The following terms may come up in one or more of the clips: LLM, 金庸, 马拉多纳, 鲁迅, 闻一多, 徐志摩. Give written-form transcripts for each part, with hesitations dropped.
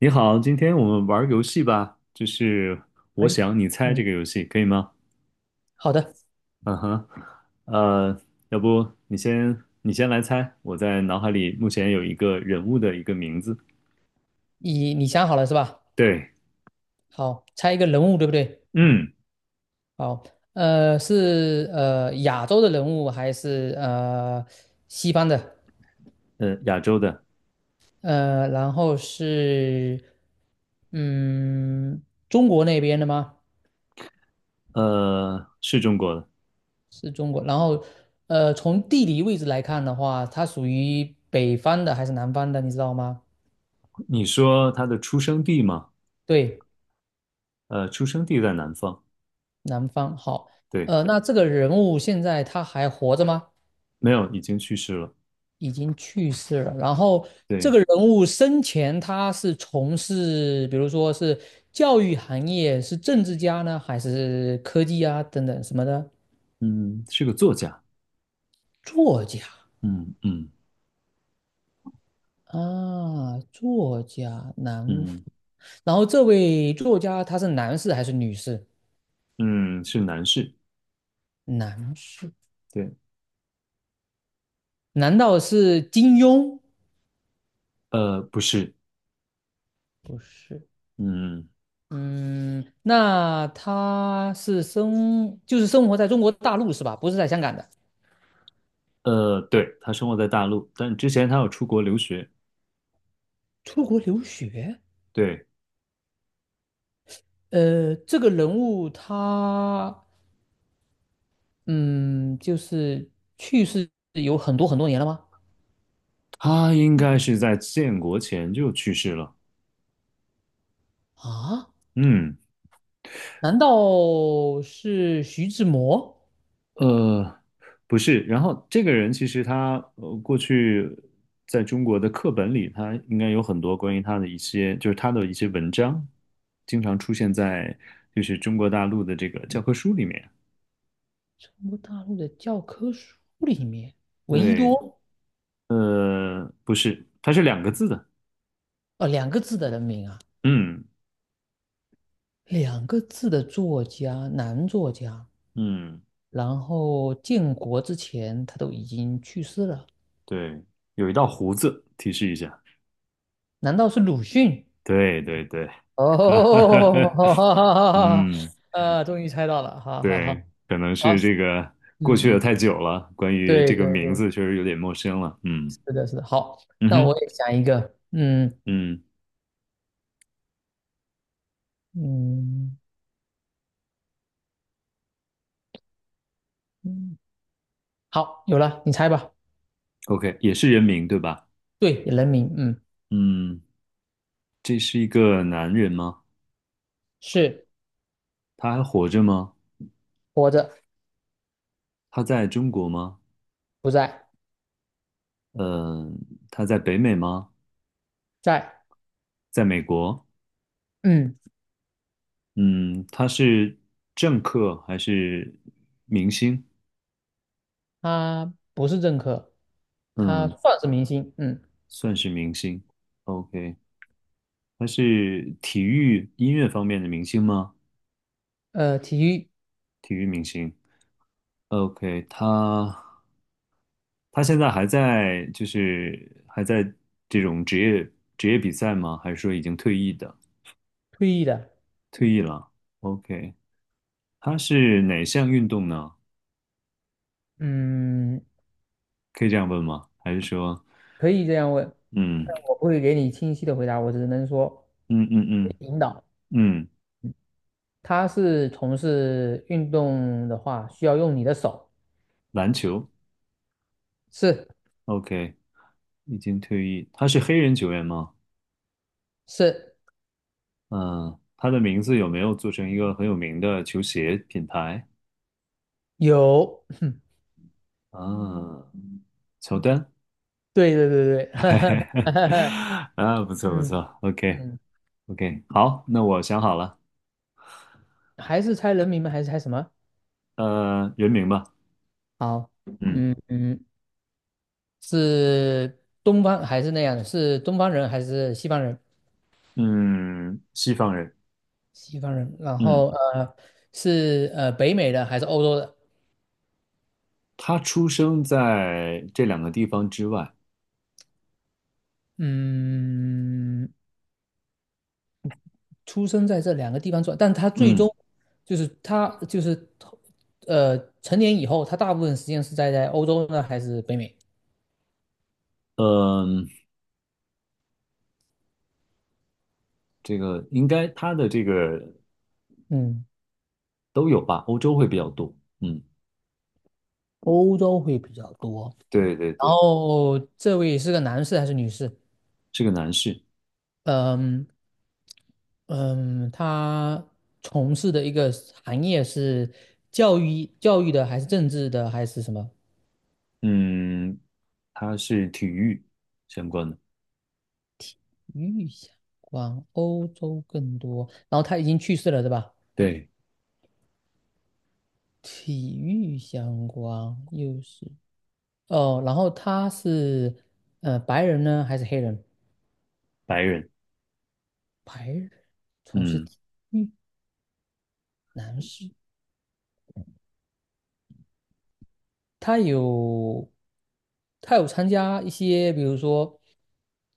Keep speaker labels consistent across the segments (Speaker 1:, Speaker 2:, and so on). Speaker 1: 你好，今天我们玩儿游戏吧，就是
Speaker 2: 可
Speaker 1: 我想你猜这
Speaker 2: 嗯，
Speaker 1: 个游戏，可以吗？
Speaker 2: 好的，
Speaker 1: 嗯哼，呃，要不你先来猜，我在脑海里目前有一个人物的一个名字，
Speaker 2: 你想好了是吧？
Speaker 1: 对，
Speaker 2: 好，猜一个人物，对不对？
Speaker 1: 嗯，
Speaker 2: 好，是亚洲的人物还是西方的？
Speaker 1: 亚洲的，
Speaker 2: 然后是嗯中国那边的吗？
Speaker 1: 是中国的。
Speaker 2: 是中国。然后从地理位置来看的话，它属于北方的还是南方的？你知道吗？
Speaker 1: 你说他的出生地吗？
Speaker 2: 对，
Speaker 1: 出生地在南方，
Speaker 2: 南方。好，
Speaker 1: 对，
Speaker 2: 那这个人物现在他还活着吗？
Speaker 1: 没有，已经去世了，
Speaker 2: 已经去世了。然后这
Speaker 1: 对，
Speaker 2: 个人物生前他是从事，比如说是教育行业，是政治家呢，还是科技啊等等什么的？
Speaker 1: 嗯，是个作家，
Speaker 2: 作家
Speaker 1: 嗯嗯
Speaker 2: 啊，作家男。
Speaker 1: 嗯
Speaker 2: 然后这位作家他是男士还是女士？
Speaker 1: 嗯，是男士，
Speaker 2: 男士。
Speaker 1: 对，
Speaker 2: 难道是金庸？
Speaker 1: 不是，
Speaker 2: 不是。
Speaker 1: 嗯。
Speaker 2: 嗯，那他是生，就是生活在中国大陆是吧？不是在香港的。
Speaker 1: 对，他生活在大陆，但之前他有出国留学。
Speaker 2: 出国留学？
Speaker 1: 对，
Speaker 2: 这个人物他，嗯，就是去世有很多很多年了吗？
Speaker 1: 他应该是在建国前就去世了。
Speaker 2: 啊，
Speaker 1: 嗯，
Speaker 2: 难道是徐志摩？
Speaker 1: 呃，不是。然后这个人其实他过去在中国的课本里，他应该有很多关于他的一些，就是他的一些文章，经常出现在就是中国大陆的这个教科书里面。
Speaker 2: 中国大陆的教科书里面，闻一
Speaker 1: 对，
Speaker 2: 多，
Speaker 1: 不是，它是两个字的。
Speaker 2: 两个字的人名啊，
Speaker 1: 嗯
Speaker 2: 两个字的作家，男作家，
Speaker 1: 嗯，
Speaker 2: 然后建国之前他都已经去世了，
Speaker 1: 对，有一道胡子，提示一下。
Speaker 2: 难道是鲁迅？
Speaker 1: 对对对，哈，哈哈
Speaker 2: 哦，
Speaker 1: 哈，嗯，
Speaker 2: 终于猜到了，好好好，
Speaker 1: 对，可能
Speaker 2: 好，
Speaker 1: 是这个过去
Speaker 2: 嗯
Speaker 1: 的
Speaker 2: 嗯。
Speaker 1: 太久了，关于
Speaker 2: 对
Speaker 1: 这个
Speaker 2: 对
Speaker 1: 名
Speaker 2: 对，
Speaker 1: 字确实有点陌生了。嗯
Speaker 2: 是的，是的。好，
Speaker 1: 嗯
Speaker 2: 那我
Speaker 1: 哼，
Speaker 2: 也想一个，
Speaker 1: 嗯
Speaker 2: 嗯嗯，好，有了，你猜吧。
Speaker 1: ，OK，也是人名对吧？
Speaker 2: 对，人民，嗯，
Speaker 1: 嗯，这是一个男人吗？
Speaker 2: 是
Speaker 1: 他还活着吗？
Speaker 2: 活着，
Speaker 1: 他在中国吗？
Speaker 2: 不在，
Speaker 1: 嗯，他在北美吗？
Speaker 2: 在，
Speaker 1: 在美国？
Speaker 2: 嗯，
Speaker 1: 嗯，他是政客还是明星？
Speaker 2: 他不是政客，他
Speaker 1: 嗯，
Speaker 2: 算是明星，嗯，
Speaker 1: 算是明星。OK，他是体育音乐方面的明星吗？
Speaker 2: 体育
Speaker 1: 体育明星。OK，他现在还在，就是还在这种职业比赛吗？还是说已经退役的？
Speaker 2: 退役的，
Speaker 1: 退役了。OK，他是哪项运动呢？
Speaker 2: 嗯，
Speaker 1: 可以这样问吗？还是说，
Speaker 2: 可以这样问，
Speaker 1: 嗯
Speaker 2: 但我不会给你清晰的回答，我只能说
Speaker 1: 嗯嗯嗯
Speaker 2: 领导。
Speaker 1: 嗯，
Speaker 2: 他是从事运动的话，需要用你的手，
Speaker 1: 篮球
Speaker 2: 是
Speaker 1: ？OK，已经退役。他是黑人球员吗？
Speaker 2: 是
Speaker 1: 嗯，他的名字有没有做成一个很有名的球鞋品牌？
Speaker 2: 有。
Speaker 1: 啊，乔丹。
Speaker 2: 对对对对，哈哈哈
Speaker 1: 啊，不错不
Speaker 2: 嗯
Speaker 1: 错，OK
Speaker 2: 嗯，
Speaker 1: OK，好，那我想好了，
Speaker 2: 还是猜人名吗？还是猜什么？
Speaker 1: 人名吧，
Speaker 2: 好，
Speaker 1: 嗯
Speaker 2: 嗯嗯，是东方还是那样的？是东方人还是西方人？
Speaker 1: 嗯，西方人，
Speaker 2: 西方人，然后
Speaker 1: 嗯，
Speaker 2: 是北美的还是欧洲的？
Speaker 1: 他出生在这两个地方之外，
Speaker 2: 嗯，出生在这两个地方做，但他最终
Speaker 1: 嗯
Speaker 2: 就是他就是成年以后，他大部分时间是在欧洲呢还是北美？
Speaker 1: 嗯，这个应该他的这个
Speaker 2: 嗯，
Speaker 1: 都有吧，欧洲会比较多，嗯，
Speaker 2: 欧洲会比较多。
Speaker 1: 对对
Speaker 2: 然
Speaker 1: 对，
Speaker 2: 后这位是个男士还是女士？
Speaker 1: 是个男士，
Speaker 2: 嗯嗯，他从事的一个行业是教育的，还是政治的，还是什么？
Speaker 1: 嗯，他是体育相关的，
Speaker 2: 与相关，欧洲更多。然后他已经去世了，对吧？
Speaker 1: 对，
Speaker 2: 体育相关又是哦，然后他是白人呢，还是黑人？
Speaker 1: 白人，
Speaker 2: 白人从事
Speaker 1: 嗯
Speaker 2: 体育，男士。他有参加一些，比如说，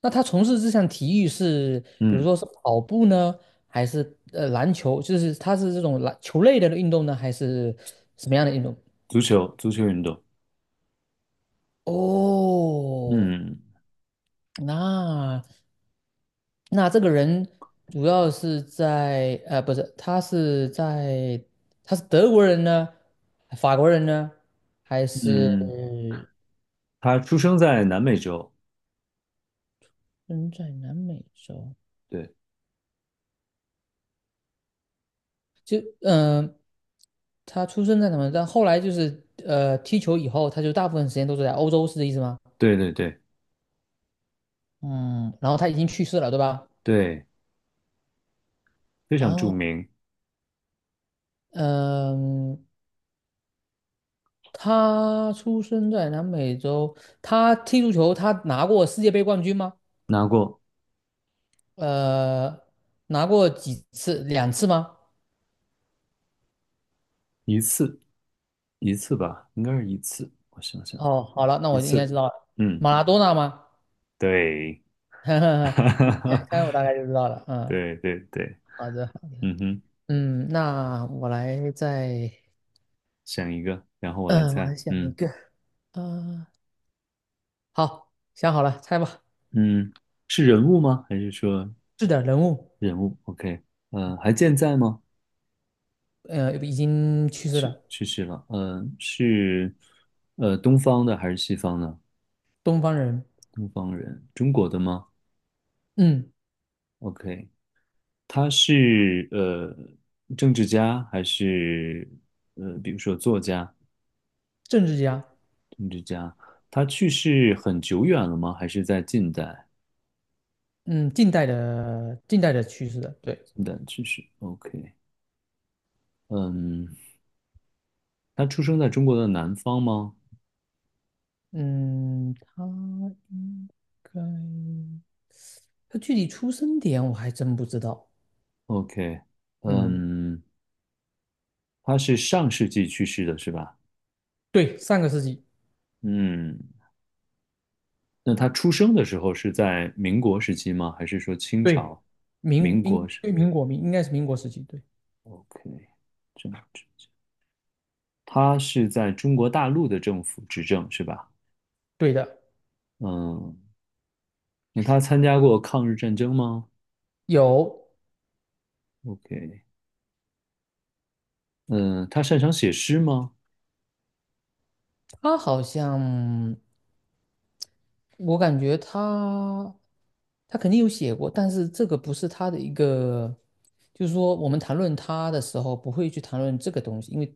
Speaker 2: 那他从事这项体育是，比如
Speaker 1: 嗯，
Speaker 2: 说是跑步呢，还是篮球？就是他是这种篮球类的运动呢，还是什么样的运动？
Speaker 1: 足球运动，
Speaker 2: 哦，
Speaker 1: 嗯
Speaker 2: 那这个人主要是在呃，不是，他是在他是德国人呢，法国人呢，还
Speaker 1: 嗯。
Speaker 2: 是
Speaker 1: 他出生在南美洲，
Speaker 2: 嗯在南美洲？
Speaker 1: 对
Speaker 2: 就嗯、呃他出生在什么？但后来就是踢球以后，他就大部分时间都是在欧洲，是这意思吗？
Speaker 1: 对对对
Speaker 2: 嗯，然后他已经去世了，对吧？
Speaker 1: 对，非常著
Speaker 2: 哦，
Speaker 1: 名，
Speaker 2: 嗯，他出生在南美洲，他踢足球，他拿过世界杯冠军吗？
Speaker 1: 拿过
Speaker 2: 呃，拿过几次？两次吗？
Speaker 1: 一次一次吧，应该是一次，我想想，
Speaker 2: 哦，好了，那
Speaker 1: 一
Speaker 2: 我就应该知
Speaker 1: 次，
Speaker 2: 道了，
Speaker 1: 嗯，
Speaker 2: 马拉多纳吗？
Speaker 1: 对，
Speaker 2: 呵呵
Speaker 1: 哈
Speaker 2: 呵，
Speaker 1: 哈
Speaker 2: 看我
Speaker 1: 哈
Speaker 2: 大概就知道了。嗯，
Speaker 1: 对对对，
Speaker 2: 好的，好的。
Speaker 1: 嗯哼，
Speaker 2: 嗯，那我来再
Speaker 1: 想一个，然后我来
Speaker 2: 嗯，我来
Speaker 1: 猜，
Speaker 2: 想一
Speaker 1: 嗯
Speaker 2: 个。呃，好，想好了，猜吧。
Speaker 1: 嗯，是人物吗？还是说
Speaker 2: 是的，人物，
Speaker 1: 人物？OK，还健在吗？
Speaker 2: 已经去世
Speaker 1: 去
Speaker 2: 了，
Speaker 1: 去世了，是东方的还是西方的？
Speaker 2: 东方人，
Speaker 1: 东方人，中国的吗
Speaker 2: 嗯，
Speaker 1: ？OK，他是政治家还是比如说作家、
Speaker 2: 政治家，
Speaker 1: 政治家？他去世很久远了吗？还是在近代？
Speaker 2: 嗯，近代的去世的，对，
Speaker 1: 近代去世，OK。嗯，他出生在中国的南方吗
Speaker 2: 嗯，他应该，他具体出生点我还真不知道。
Speaker 1: ？OK。
Speaker 2: 嗯，
Speaker 1: 嗯，他是上世纪去世的是吧？
Speaker 2: 对，上个世纪，
Speaker 1: 嗯，那他出生的时候是在民国时期吗？还是说清
Speaker 2: 对，
Speaker 1: 朝？
Speaker 2: 民
Speaker 1: 民国
Speaker 2: 英
Speaker 1: 是
Speaker 2: 对民国民应该是民国时期，对，
Speaker 1: OK，政治，他是在中国大陆的政府执政，是吧？
Speaker 2: 对的，
Speaker 1: 嗯，那他参加过抗日战争吗
Speaker 2: 有
Speaker 1: ？OK，嗯，他擅长写诗吗？
Speaker 2: 他好像，我感觉他。他肯定有写过，但是这个不是他的一个，就是说我们谈论他的时候不会去谈论这个东西，因为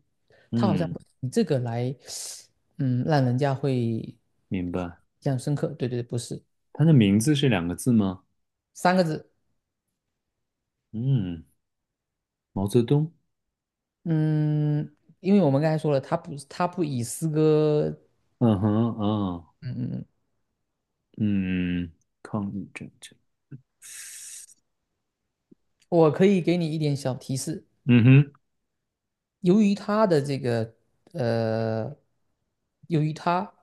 Speaker 2: 他好像
Speaker 1: 嗯，
Speaker 2: 不以这个来，嗯，让人家会
Speaker 1: 明
Speaker 2: 印
Speaker 1: 白。
Speaker 2: 象深刻。对对对，不是
Speaker 1: 他的名字是两个字吗？
Speaker 2: 三个字，
Speaker 1: 嗯，毛泽东。
Speaker 2: 嗯，因为我们刚才说了，他不以诗歌，
Speaker 1: 嗯哼，啊，
Speaker 2: 嗯嗯，
Speaker 1: 嗯，抗日战争。
Speaker 2: 我可以给你一点小提示，
Speaker 1: 嗯哼，
Speaker 2: 由于他的这个，呃，由于他。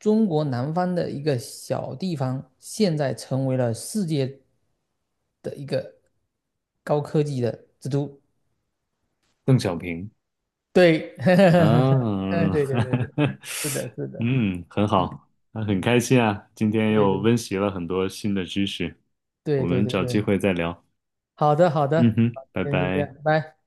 Speaker 2: 中国南方的一个小地方，现在成为了世界的一个高科技的之都。
Speaker 1: 邓小平。
Speaker 2: 对，嗯，
Speaker 1: 啊，
Speaker 2: 对对
Speaker 1: 哈
Speaker 2: 对对，
Speaker 1: 哈
Speaker 2: 是的，是的，
Speaker 1: 嗯，很
Speaker 2: 嗯
Speaker 1: 好，啊很
Speaker 2: 嗯，
Speaker 1: 开心啊，今天
Speaker 2: 对
Speaker 1: 又
Speaker 2: 对
Speaker 1: 温习了很多新的知识。我
Speaker 2: 对对
Speaker 1: 们
Speaker 2: 对
Speaker 1: 找机
Speaker 2: 对，
Speaker 1: 会再聊。
Speaker 2: 好的好
Speaker 1: 嗯
Speaker 2: 的，
Speaker 1: 哼，
Speaker 2: 好，
Speaker 1: 拜
Speaker 2: 今天先这
Speaker 1: 拜。
Speaker 2: 样，拜。